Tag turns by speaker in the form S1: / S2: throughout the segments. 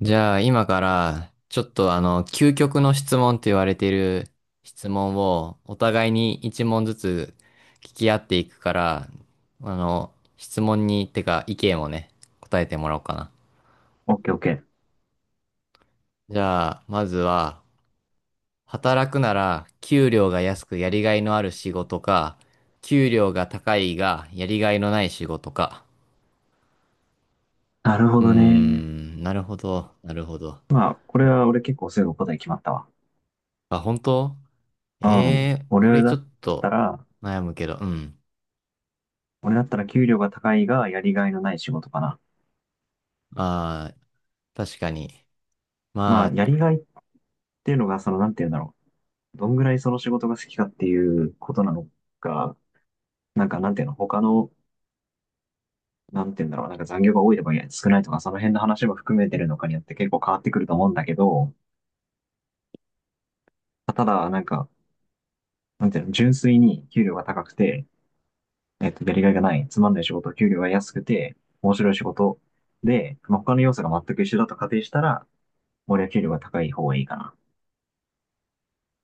S1: じゃあ今からちょっと究極の質問って言われている質問をお互いに一問ずつ聞き合っていくから、あの質問にてか意見をね、答えてもらおうかな。
S2: オッケーオッケー。
S1: じゃあまずは、働くなら給料が安くやりがいのある仕事か、給料が高いがやりがいのない仕事か。
S2: なるほ
S1: うー
S2: どね。
S1: ん、なるほど、なるほど。
S2: まあ、これは俺結構すぐ答え決まったわ。
S1: あ、本当？
S2: う
S1: え
S2: ん。
S1: えー、俺ちょっ
S2: た
S1: と
S2: ら、
S1: 悩むけど、うん。
S2: 俺だったら給料が高いがやりがいのない仕事かな。
S1: ああ、確かに。
S2: ま
S1: ま
S2: あ、
S1: あ、
S2: やりがいっていうのが、その、なんて言うんだろう。どんぐらいその仕事が好きかっていうことなのか、なんか、なんていうの、他の、なんて言うんだろう。なんか残業が多いとか少ないとか、その辺の話も含めてるのかによって結構変わってくると思うんだけど、ただ、なんか、なんていうの、純粋に給料が高くて、やりがいがない、つまんない仕事、給料が安くて、面白い仕事で、まあ、他の要素が全く一緒だと仮定したら、俺は給料が高い方がいいかな。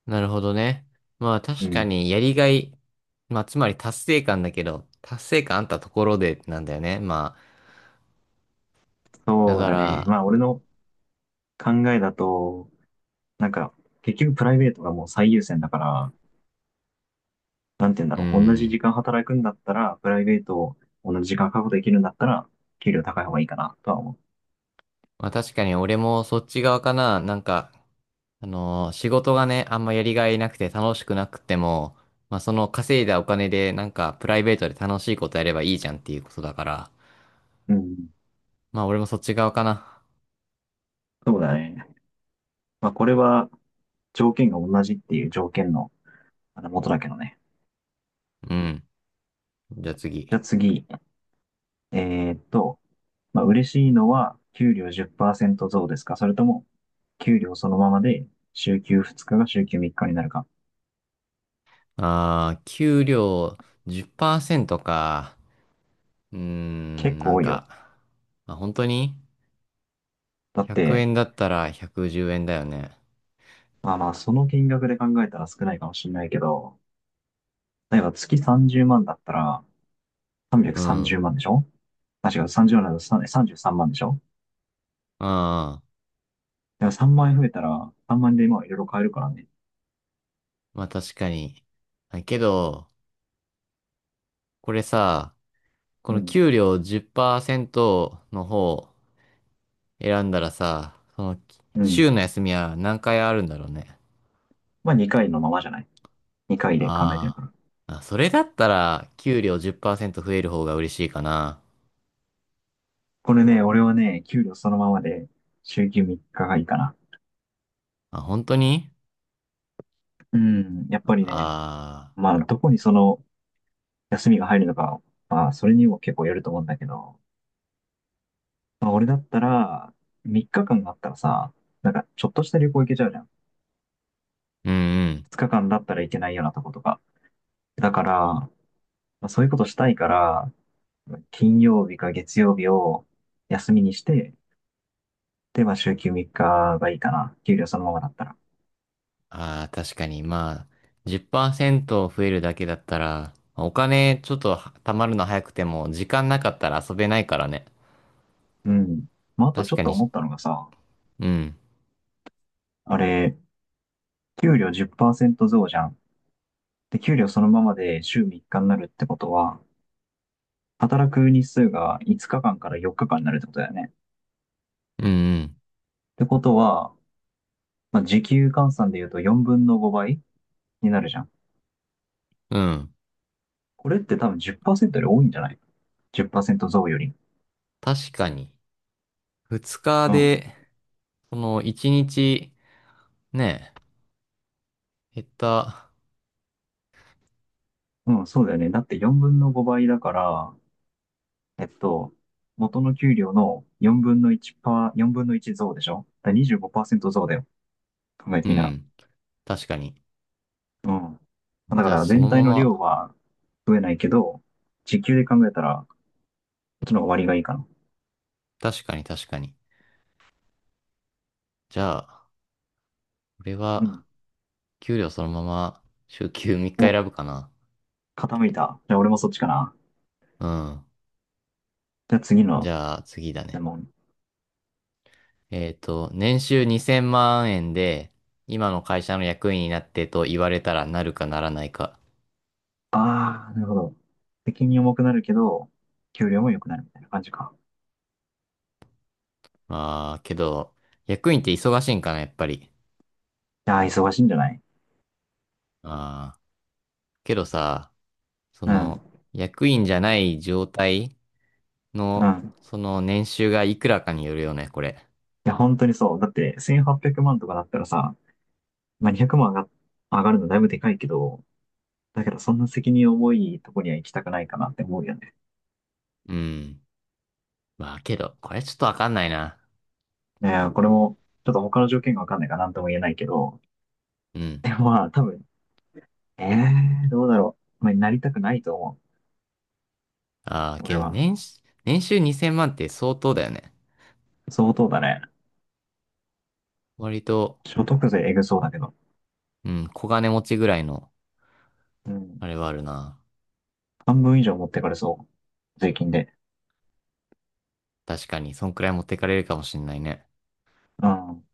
S1: なるほどね。まあ
S2: う
S1: 確か
S2: ん。
S1: にやりがい、まあつまり達成感だけど、達成感あったところでなんだよね。まあ、だ
S2: そう
S1: か
S2: だね。まあ、
S1: ら、
S2: 俺の考えだと、なんか、結局プライベートがもう最優先だから、なんて言うんだ
S1: う
S2: ろう。同じ
S1: ん。
S2: 時間働くんだったら、プライベートを同じ時間確保できるんだったら、給料高い方がいいかな、とは思
S1: まあ確かに俺もそっち側かな。なんか、仕事がね、あんまやりがいなくて楽しくなくても、まあその稼いだお金でなんかプライベートで楽しいことやればいいじゃんっていうことだから、
S2: う。うん。
S1: まあ俺もそっち側かな。
S2: そうだね。まあ、これは条件が同じっていう条件のあの元だけどね。
S1: うん。じゃあ次。
S2: じゃあ次。えーっと、まあ、嬉しいのは給料10%増ですか、それとも給料そのままで週休2日が週休3日になるか。
S1: ああ、給料10%か。うー
S2: 結
S1: ん、な
S2: 構
S1: ん
S2: 多いよ。
S1: か、まあ、本当に、
S2: だっ
S1: 100
S2: て、
S1: 円だったら110円だよね。
S2: まあまあその金額で考えたら少ないかもしれないけど、例えば月30万だったら
S1: う
S2: 330
S1: ん。
S2: 万でしょ。あ、違う、30万だと3 33万でしょ。
S1: ああ、
S2: でも3万円増えたら3万円で今いろいろ買えるからね。
S1: まあ確かに。あけど、これさ、こ
S2: う
S1: の
S2: ん。
S1: 給料10%の方選んだらさ、その、
S2: うん。
S1: 週の休みは何回あるんだろうね。
S2: まあ2回のままじゃない ?2 回で考えてる
S1: あ
S2: から。
S1: ーまあ、それだったら給料10%増える方が嬉しいかな。
S2: これね、俺はね、給料そのままで週休3日がいいかな。
S1: あ、本当に？
S2: うん、やっぱりね、
S1: ああー。
S2: まあ、どこにその休みが入るのか、まあ、それにも結構よると思うんだけど、まあ、俺だったら、3日間あったらさ、なんか、ちょっとした旅行行けちゃうじゃん。
S1: うんうん。
S2: 2日間だったら行けないようなとことか。だから、まあ、そういうことしたいから、金曜日か月曜日を休みにして、で、まあ、週休3日がいいかな。給料そのままだったら。
S1: ああ、確かに。まあ、10%増えるだけだったら、お金ちょっとは貯まるの早くても、時間なかったら遊べないからね。
S2: うん。まあ、あとち
S1: 確
S2: ょ
S1: か
S2: っと
S1: に。
S2: 思ったのがさ、
S1: うん。
S2: あれ、給料10%増じゃん。で、給料そのままで週3日になるってことは、働く日数が5日間かんから4日間になるってことだよね。っ
S1: うん
S2: てことは、まあ、時給換算で言うと4分の5倍になるじゃん。
S1: うん。うん。
S2: これって多分10%より多いんじゃない ?10% 増より。
S1: 確かに。2日
S2: うん。
S1: で、その1日、ね、減った。
S2: うん、そうだよね。だって4分の5倍だから、えっと、元の給料の4分の1パー、分の1増でしょ。だから25%増だよ。考え
S1: う
S2: てみたら。
S1: ん。確かに。
S2: うん。だか
S1: じゃあ
S2: ら
S1: その
S2: 全
S1: ま
S2: 体の量
S1: ま、
S2: は増えないけど、時給で考えたらっちの方が割がいいかな。
S1: 確かに確かに。じゃあ、俺
S2: う
S1: は、
S2: ん。
S1: 給料そのまま、週休3日
S2: お、
S1: 選ぶかな。
S2: 傾いた。じゃあ俺もそっちかな。
S1: うん。
S2: じゃあ次
S1: じ
S2: の
S1: ゃあ次だ
S2: 質
S1: ね。
S2: 問。
S1: 年収2000万円で、今の会社の役員になってと言われたらなるかならないか。
S2: ああ、なるほど。責任重くなるけど、給料も良くなるみたいな感じか。
S1: まあ、けど、役員って忙しいんかな、やっぱり。
S2: いやー、忙しいんじゃない？
S1: ああ、けどさ、そ
S2: うん、
S1: の、役員じゃない状態
S2: う
S1: の、
S2: ん。
S1: その年収がいくらかによるよね、これ。
S2: いや、本当にそう。だって、1800万とかだったらさ、まあ、200万上がるのだいぶでかいけど、だけど、そんな責任重いとこには行きたくないかなって思うよね。
S1: うん。まあ、けど、これちょっとわかんないな。
S2: いやー、これも、ちょっと他の条件がわかんないから何とも言えないけど、
S1: うん。
S2: でもまあ、多分、ええー、どうだろう。まあ、なりたくないと思
S1: ああ、
S2: う。
S1: け
S2: 俺
S1: ど、
S2: は。
S1: 年収2000万って相当だよね。
S2: 相当だね。
S1: 割と、
S2: 所得税えぐそうだけど。
S1: うん、小金持ちぐらいの、
S2: うん。
S1: あれはあるな。
S2: 半分以上持ってかれそう。税金で。
S1: 確かに、そんくらい持ってかれるかもしんないね。
S2: うん。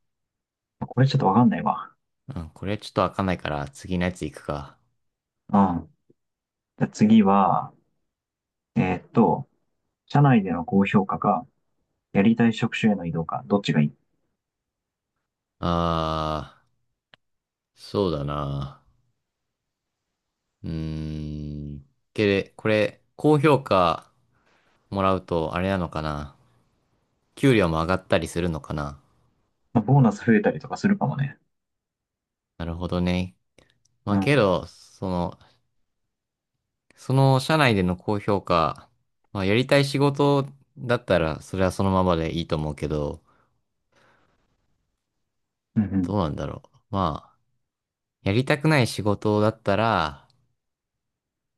S2: これちょっとわかんないわ。
S1: うん、これちょっと開かないから、次のやつ行くか。
S2: うん。じゃあ次は、えーっと、社内での高評価か、やりたい職種への移動か、どっちがいい？
S1: あー、そうだな。うーん。これ、高評価もらうと、あれなのかな。給料も上がったりするのかな。
S2: まあボーナス増えたりとかするかもね。
S1: なるほどね。ま
S2: う
S1: あけ
S2: ん。
S1: ど、その社内での高評価、まあやりたい仕事だったら、それはそのままでいいと思うけど、
S2: うんう
S1: ど
S2: ん。
S1: うなんだろう。まあ、やりたくない仕事だったら、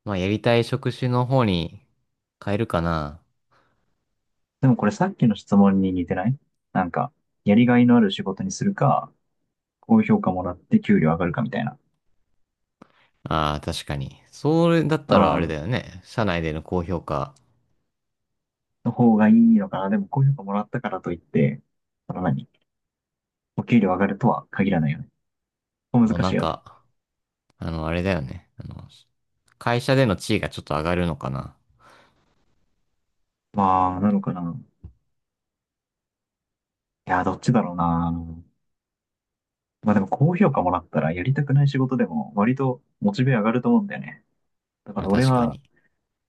S1: まあ、やりたい職種の方に変えるかな。
S2: でもこれさっきの質問に似てない？なんか、やりがいのある仕事にするか、高評価もらって給料上がるかみたいな。
S1: ああ、確かに。それだっ
S2: う
S1: たらあれだ
S2: ん。
S1: よね。社内での高評価。
S2: の方がいいのかな。でも高評価もらったからといって、その何お給料上がるとは限らないよね。難
S1: もうな
S2: し
S1: ん
S2: いよね。
S1: か、あれだよね。会社での地位がちょっと上がるのかな。
S2: まあ、なのかな。いや、どっちだろうな。まあでも高評価もらったらやりたくない仕事でも割とモチベ上がると思うんだよね。だか
S1: まあ
S2: ら俺
S1: 確か
S2: は
S1: に。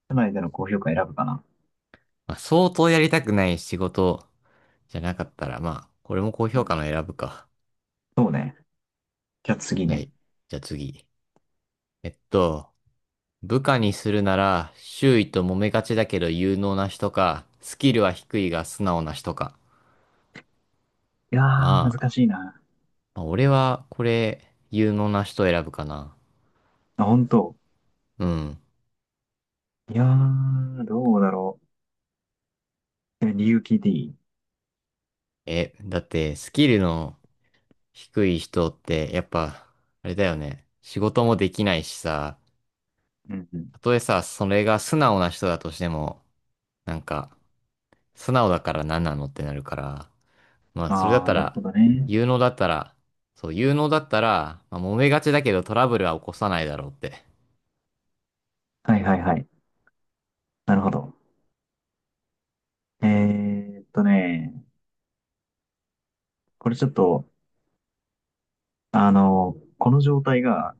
S2: 社内での高評価選ぶかな。
S1: まあ相当やりたくない仕事じゃなかったら、まあ、これも高
S2: う
S1: 評価
S2: ん。
S1: の選ぶか。
S2: そうね。じゃあ次
S1: は
S2: ね。
S1: い。じゃあ次。えっと、部下にするなら、周囲と揉めがちだけど有能な人か、スキルは低いが素直な人か。
S2: いやー、
S1: ま
S2: 難
S1: あ、
S2: しいな。
S1: まあ、俺は、これ、有能な人を選ぶかな。
S2: あ、本当。
S1: うん。
S2: いやー、どうだろう。え、理由聞いていい？
S1: だって、スキルの低い人って、やっぱ、あれだよね。仕事もできないしさ、
S2: うんうん。
S1: たとえさ、それが素直な人だとしても、なんか、素直だから何なのってなるから、まあ、それだっ
S2: あ
S1: た
S2: ー、なる
S1: ら、
S2: ほどね。
S1: 有能だったら、そう、有能だったら、まあ、揉めがちだけどトラブルは起こさないだろうって。
S2: はいはいはい。なるほど。えーっとね、これちょっとあの、この状態が、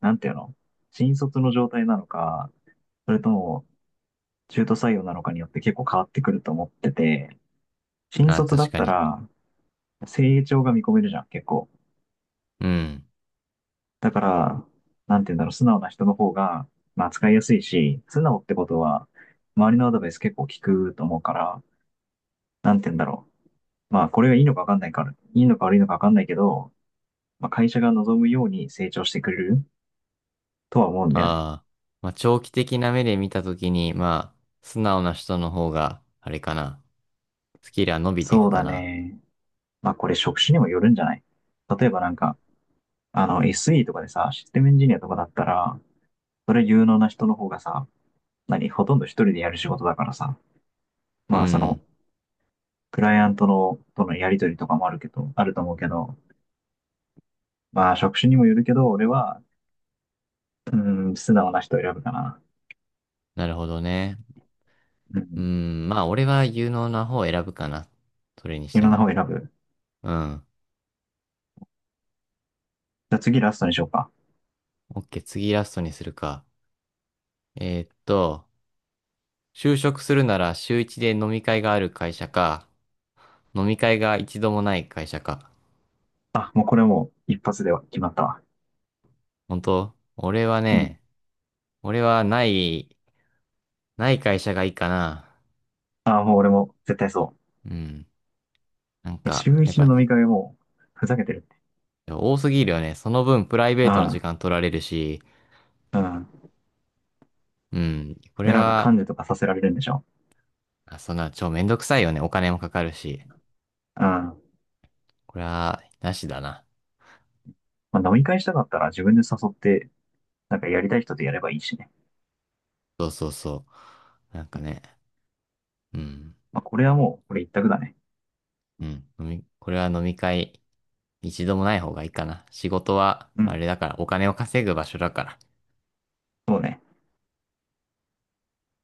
S2: なんていうの、新卒の状態なのか、それとも中途採用なのかによって結構変わってくると思ってて、新
S1: なあ、
S2: 卒だ
S1: 確
S2: っ
S1: か
S2: た
S1: に。
S2: ら成長が見込めるじゃん、結構。
S1: うん。
S2: だから、なんていうんだろう、素直な人の方が、まあ使いやすいし、素直ってことは、周りのアドバイス結構聞くと思うから、なんていうんだろう。まあこれがいいのかわかんないから、いいのか悪いのかわかんないけど、まあ会社が望むように成長してくれるとは思うんだよね。
S1: ああ、まあ、長期的な目で見たときに、まあ、素直な人の方が、あれかな。スキルは伸びていく
S2: そう
S1: か
S2: だ
S1: な。
S2: ね。まあこれ職種にもよるんじゃない？例えばなんか、あの SE とかでさ、システムエンジニアとかだったら、それ有能な人の方がさ、何、ほとんど一人でやる仕事だからさ、
S1: う
S2: まあその、
S1: ん、
S2: クライアントの、とのやりとりとかもあるけど、あると思うけど、まあ職種にもよるけど、俺は、うーん、素直な人を選ぶかな。
S1: なるほどね。
S2: う
S1: う
S2: ん。
S1: ん、まあ、俺は有能な方を選ぶかな。それにし
S2: 有
S1: て
S2: 能な
S1: も。
S2: 方を選ぶ。
S1: うん。
S2: じゃあ次ラストにしようか。
S1: オッケー、次ラストにするか。えーっと、就職するなら週一で飲み会がある会社か、飲み会が一度もない会社か。
S2: あ、もうこれもう一発では決まったわ。
S1: 本当、俺は
S2: うん。
S1: ね、俺はない、ない会社がいいかな。
S2: あ、もう俺も絶対そ
S1: うん。なん
S2: う。え、
S1: か、
S2: 週
S1: やっ
S2: 一の
S1: ぱ
S2: 飲み会も、ふざけてるって。
S1: 多すぎるよね。その分プライベ
S2: う
S1: ートの時
S2: ん。
S1: 間取られるし、
S2: うん。
S1: うん。これ
S2: で、なんか噛ん
S1: は、
S2: でとかさせられるんでしょ？
S1: あそんな、超めんどくさいよね。お金もかかるし。
S2: うん。ま
S1: これは、なしだな。
S2: あ、飲み会したかったら自分で誘って、なんかやりたい人とやればいいしね。
S1: そうそうそう。なんかね、うん。
S2: まあ、これはもう、これ一択だね。
S1: うん。これは飲み会、一度もない方がいいかな。仕事は、
S2: う
S1: あ
S2: ん。
S1: れだから、お金を稼ぐ場所だから。
S2: そうね。